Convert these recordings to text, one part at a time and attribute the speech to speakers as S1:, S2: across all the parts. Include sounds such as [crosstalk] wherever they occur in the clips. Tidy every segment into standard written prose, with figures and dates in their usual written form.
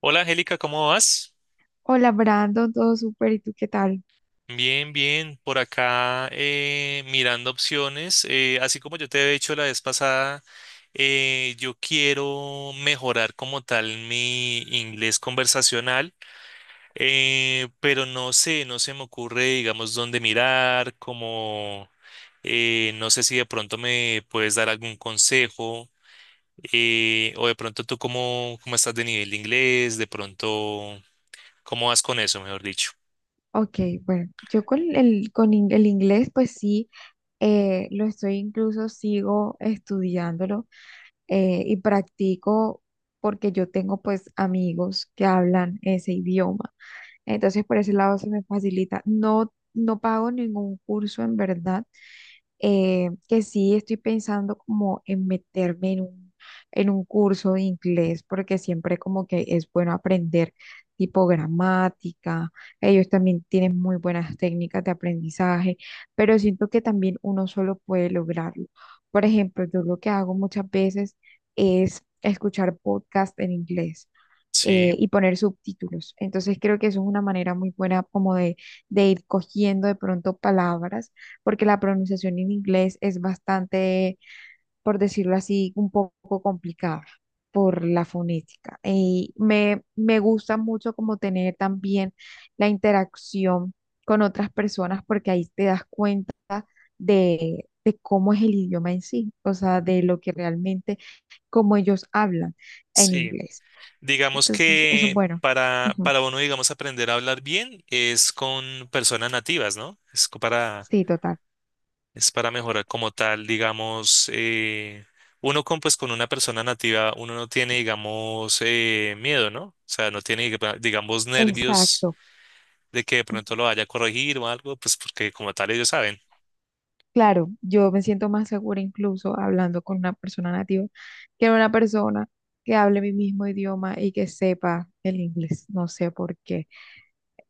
S1: Hola Angélica, ¿cómo vas?
S2: Hola Brandon, todo súper, ¿y tú qué tal?
S1: Bien, bien, por acá mirando opciones. Así como yo te he dicho la vez pasada, yo quiero mejorar como tal mi inglés conversacional, pero no sé, no se me ocurre, digamos, dónde mirar, como no sé si de pronto me puedes dar algún consejo, o de pronto tú cómo, cómo estás de nivel de inglés, de pronto, ¿cómo vas con eso, mejor dicho?
S2: Ok, bueno, yo con el inglés, pues sí, lo estoy incluso, sigo estudiándolo y practico porque yo tengo pues amigos que hablan ese idioma. Entonces por ese lado se me facilita. No, no pago ningún curso en verdad, que sí estoy pensando como en meterme en un curso de inglés, porque siempre como que es bueno aprender tipo gramática, ellos también tienen muy buenas técnicas de aprendizaje, pero siento que también uno solo puede lograrlo. Por ejemplo, yo lo que hago muchas veces es escuchar podcast en inglés
S1: Sí,
S2: y poner subtítulos. Entonces creo que eso es una manera muy buena como de ir cogiendo de pronto palabras, porque la pronunciación en inglés es bastante, por decirlo así, un poco complicada por la fonética. Y me gusta mucho como tener también la interacción con otras personas, porque ahí te das cuenta de cómo es el idioma en sí, o sea, de lo que realmente, cómo ellos hablan en
S1: sí.
S2: inglés.
S1: Digamos
S2: Entonces, eso es
S1: que
S2: bueno.
S1: para,
S2: Ujú.
S1: para uno, digamos, aprender a hablar bien es con personas nativas, ¿no? Es co- para,
S2: Sí, total.
S1: es para mejorar como tal, digamos, uno con, pues, con una persona nativa, uno no tiene, digamos, miedo, ¿no? O sea, no tiene, diga- digamos, nervios
S2: Exacto.
S1: de que de pronto lo vaya a corregir o algo, pues porque como tal ellos saben.
S2: Claro, yo me siento más segura incluso hablando con una persona nativa que una persona que hable mi mismo idioma y que sepa el inglés. No sé por qué.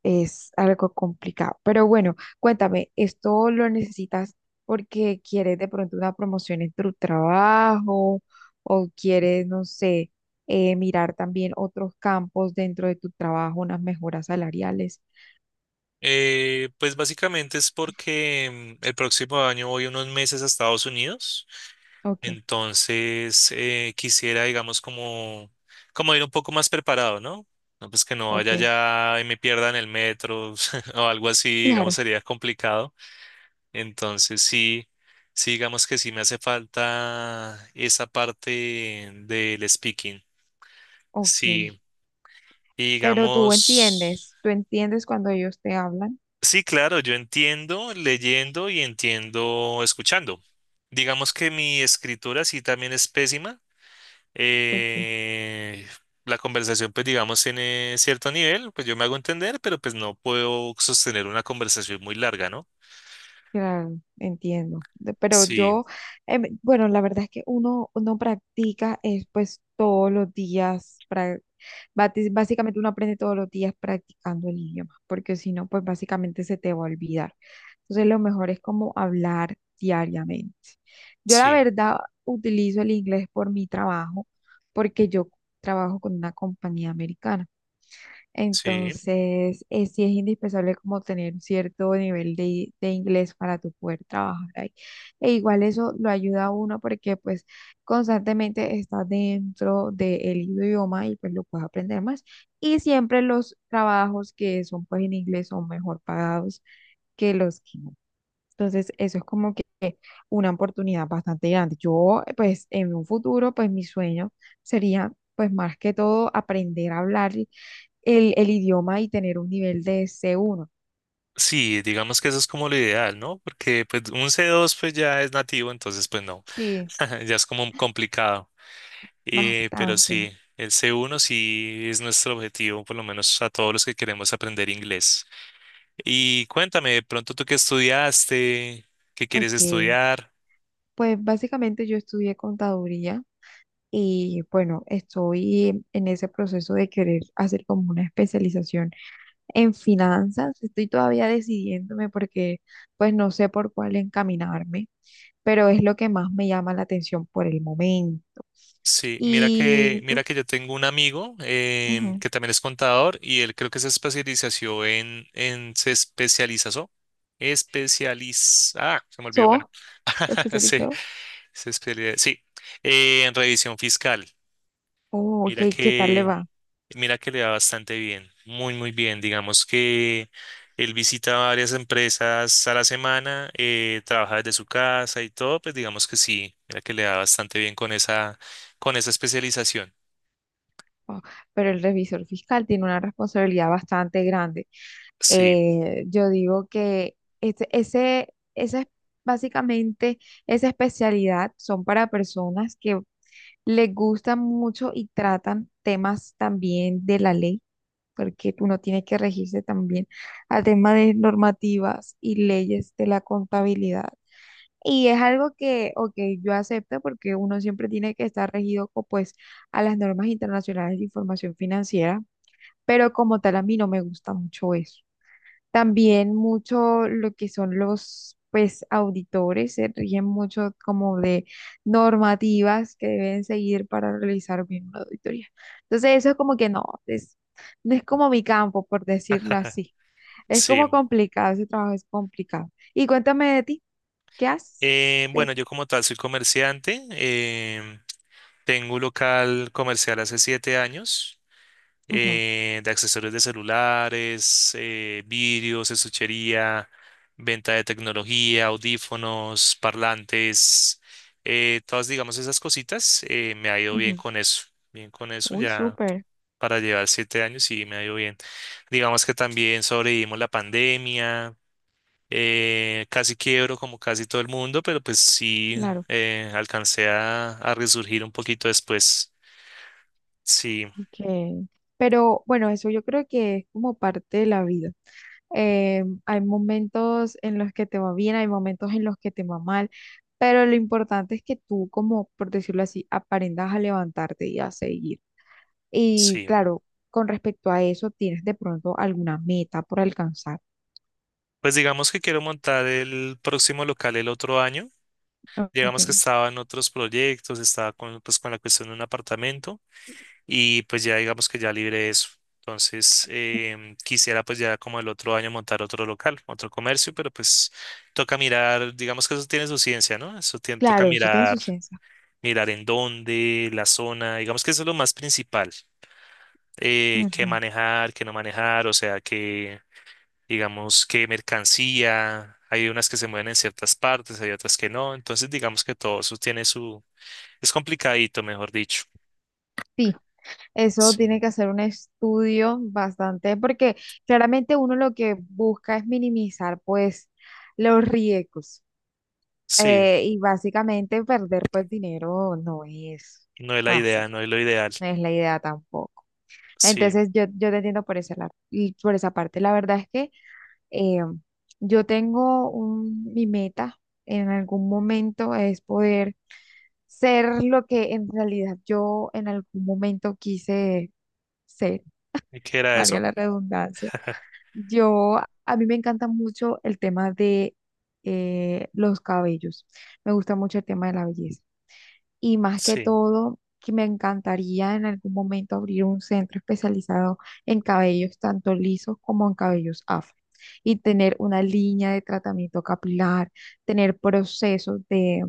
S2: Es algo complicado. Pero bueno, cuéntame, ¿esto lo necesitas porque quieres de pronto una promoción en tu trabajo o quieres, no sé, mirar también otros campos dentro de tu trabajo, unas mejoras salariales?
S1: Pues básicamente es porque el próximo año voy unos meses a Estados Unidos.
S2: Ok.
S1: Entonces, quisiera, digamos, como, como ir un poco más preparado, ¿no? No, pues que no vaya
S2: Ok,
S1: ya y me pierda en el metro [laughs] o algo así, digamos,
S2: claro,
S1: sería complicado. Entonces, sí, sí, digamos que sí me hace falta esa parte del speaking.
S2: ok.
S1: Sí, y
S2: Pero
S1: digamos,
S2: tú entiendes cuando ellos te hablan.
S1: sí, claro, yo entiendo leyendo y entiendo escuchando. Digamos que mi escritura sí también es pésima.
S2: Ok.
S1: eh, la conversación, pues digamos, tiene cierto nivel, pues yo me hago entender, pero pues no puedo sostener una conversación muy larga, ¿no?
S2: Claro, entiendo. De- Pero
S1: Sí,
S2: yo, bueno, la verdad es que uno practica es, pues todos los días, pra- bati- básicamente uno aprende todos los días practicando el idioma, porque si no, pues básicamente se te va a olvidar. Entonces lo mejor es como hablar diariamente. Yo la
S1: sí,
S2: verdad utilizo el inglés por mi trabajo, porque yo trabajo con una compañía americana.
S1: sí.
S2: Entonces, sí es indispensable como tener un cierto nivel de inglés para tu poder trabajar ahí. E igual eso lo ayuda a uno porque pues constantemente estás dentro del idioma y pues lo puedes aprender más. Y siempre los trabajos que son pues en inglés son mejor pagados que los que no. Entonces, eso es como que una oportunidad bastante grande. Yo, pues, en un futuro, pues, mi sueño sería, pues, más que todo aprender a hablar, el idioma y tener un nivel de c uno.
S1: Sí, digamos que eso es como lo ideal, ¿no? Porque pues un C2 pues ya es nativo, entonces pues no,
S2: Sí.
S1: [laughs] ya es como complicado. Pero sí,
S2: Bastante.
S1: el C1 sí es nuestro objetivo, por lo menos a todos los que queremos aprender inglés. Y cuéntame, de pronto tú qué estudiaste, qué quieres
S2: Ok.
S1: estudiar.
S2: Pues básicamente yo estudié contaduría y bueno, estoy en ese proceso de querer hacer como una especialización en finanzas. Estoy todavía decidiéndome porque pues no sé por cuál encaminarme, pero es lo que más me llama la atención por el momento.
S1: Sí, mira que,
S2: ¿Y tú?
S1: mira que yo tengo un amigo
S2: Ujú.
S1: que también es contador y él creo que se especializó en se especializó, especializa, ah, se me olvidó, bueno,
S2: ¿Sos
S1: [laughs] se,
S2: especializado?
S1: se especializa, sí, en revisión fiscal.
S2: Oh,
S1: Mira
S2: ok. ¿Qué tal le
S1: que,
S2: va?
S1: mira que le va bastante bien, muy bien. Digamos que él visita varias empresas a la semana, trabaja desde su casa y todo, pues digamos que sí, mira que le da bastante bien con esa especialización.
S2: Oh. Pero el revisor fiscal tiene una responsabilidad bastante grande.
S1: Sí,
S2: Yo digo que esa es básicamente esa especialidad son para personas que les gustan mucho y tratan temas también de la ley, porque uno tiene que regirse también al tema de normativas y leyes de la contabilidad. Y es algo que, ok, yo acepto porque uno siempre tiene que estar regido, co- pues, a las normas internacionales de información financiera, pero como tal a mí no me gusta mucho eso. También mucho lo que son los, pues, auditores, se rigen mucho como de normativas que deben seguir para realizar bien una auditoría. Entonces eso es como que no, es, no es como mi campo, por decirlo
S1: [laughs]
S2: así. Es como
S1: sí.
S2: complicado, ese trabajo es complicado. Y cuéntame de ti, ¿qué haces?
S1: Bueno,
S2: De-
S1: yo como tal soy comerciante. Tengo un local comercial hace 7 años
S2: Ujú,
S1: de accesorios de celulares, vidrios, estuchería, venta de tecnología, audífonos, parlantes, todas, digamos, esas cositas. Me ha ido
S2: ujú.
S1: bien con eso
S2: Uy,
S1: ya.
S2: súper,
S1: Para llevar 7 años y me ha ido bien. Digamos que también sobrevivimos la pandemia. Casi quiebro como casi todo el mundo, pero pues sí
S2: claro,
S1: alcancé a resurgir un poquito después. Sí,
S2: ok. Pero bueno, eso yo creo que es como parte de la vida. Eh, hay momentos en los que te va bien, hay momentos en los que te va mal, pero lo importante es que tú, como por decirlo así, aprendas a levantarte y a seguir. Y
S1: sí.
S2: claro, con respecto a eso, tienes de pronto alguna meta por alcanzar.
S1: Pues digamos que quiero montar el próximo local el otro año.
S2: Ok.
S1: Digamos que estaba en otros proyectos, estaba con, pues, con la cuestión de un apartamento y pues ya digamos que ya libre eso. Entonces, quisiera pues ya como el otro año montar otro local, otro comercio, pero pues toca mirar, digamos que eso tiene su ciencia, ¿no? Eso tiene, toca
S2: Claro, eso tiene su
S1: mirar
S2: ciencia.
S1: mirar en dónde, la zona, digamos que eso es lo más principal, qué
S2: Ujú.
S1: manejar, qué no manejar, o sea, que digamos, qué mercancía, hay unas que se mueven en ciertas partes, hay otras que no, entonces digamos que todo eso tiene su, es complicadito, mejor dicho.
S2: Sí, eso tiene
S1: Sí,
S2: que hacer un estudio bastante, porque claramente uno lo que busca es minimizar pues los riesgos.
S1: sí,
S2: Y básicamente perder pues dinero no es
S1: no es la
S2: fácil,
S1: idea, no es lo ideal,
S2: no es la idea tampoco.
S1: sí,
S2: Entonces yo te entiendo por esa, la- y por esa parte. La verdad es que eh, yo tengo un, mi meta en algún momento es poder ser lo que en realidad yo en algún momento quise ser,
S1: ¿y qué era
S2: valga
S1: eso?
S2: la redundancia.
S1: [laughs]
S2: Yo, a mí me encanta mucho el tema de los cabellos, me gusta mucho el tema de la belleza. Y más que
S1: Sí,
S2: todo, que me encantaría en algún momento abrir un centro especializado en cabellos tanto lisos como en cabellos afro. Y tener una línea de tratamiento capilar, tener procesos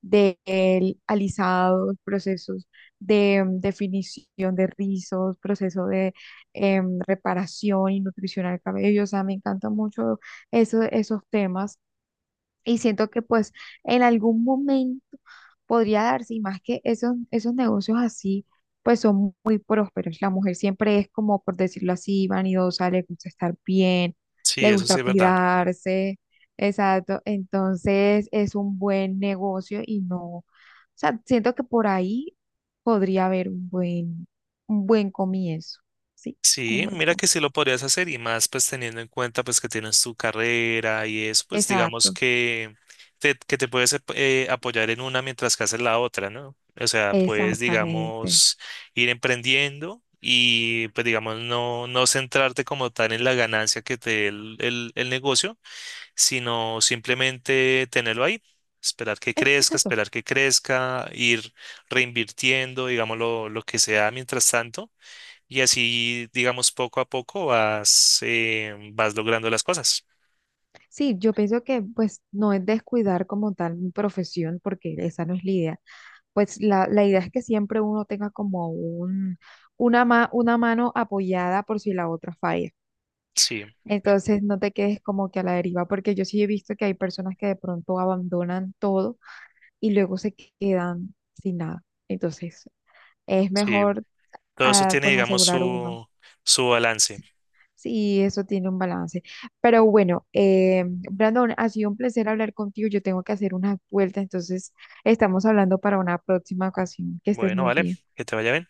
S2: de el- alisados, procesos de definición de rizos, procesos de reparación y nutrición al cabello. O sea, me encantan mucho eso- esos temas y siento que pues en algún momento podría darse, y más que esos, esos negocios así, pues son muy prósperos. La mujer siempre es como, por decirlo así, vanidosa, le gusta estar bien,
S1: sí,
S2: le
S1: eso
S2: gusta
S1: sí es verdad.
S2: cuidarse, exacto. Entonces es un buen negocio y no, o sea, siento que por ahí podría haber un buen comienzo, ¿sí? Un
S1: Sí,
S2: buen
S1: mira que
S2: comienzo.
S1: sí lo podrías hacer y más pues teniendo en cuenta pues que tienes tu carrera y eso, pues digamos
S2: Exacto,
S1: que te puedes ap- apoyar en una mientras que haces la otra, ¿no? O sea, puedes
S2: exactamente.
S1: digamos ir emprendiendo y pues digamos no, no centrarte como tal en la ganancia que te dé el negocio, sino simplemente tenerlo ahí.
S2: Exacto.
S1: Esperar que crezca, ir reinvirtiendo, digamos, lo que sea mientras tanto y así, digamos, poco a poco vas, vas logrando las cosas.
S2: Sí, yo pienso que pues no es descuidar como tal mi profesión, porque esa no es la idea. Pues la idea es que siempre uno tenga como un, una, ma- una mano apoyada por si la otra falla.
S1: Sí,
S2: Entonces no te quedes como que a la deriva, porque yo sí he visto que hay personas que de pronto abandonan todo y luego se quedan sin nada. Entonces es
S1: sí.
S2: mejor,
S1: Todo eso
S2: ah,
S1: tiene,
S2: pues
S1: digamos,
S2: asegurar uno.
S1: su balance.
S2: Sí, sí, eso tiene un balance. Pero bueno, Brandon, ha sido un placer hablar contigo. Yo tengo que hacer una vuelta, entonces estamos hablando para una próxima ocasión. Que estés
S1: Bueno,
S2: muy
S1: vale,
S2: bien.
S1: que te vaya bien.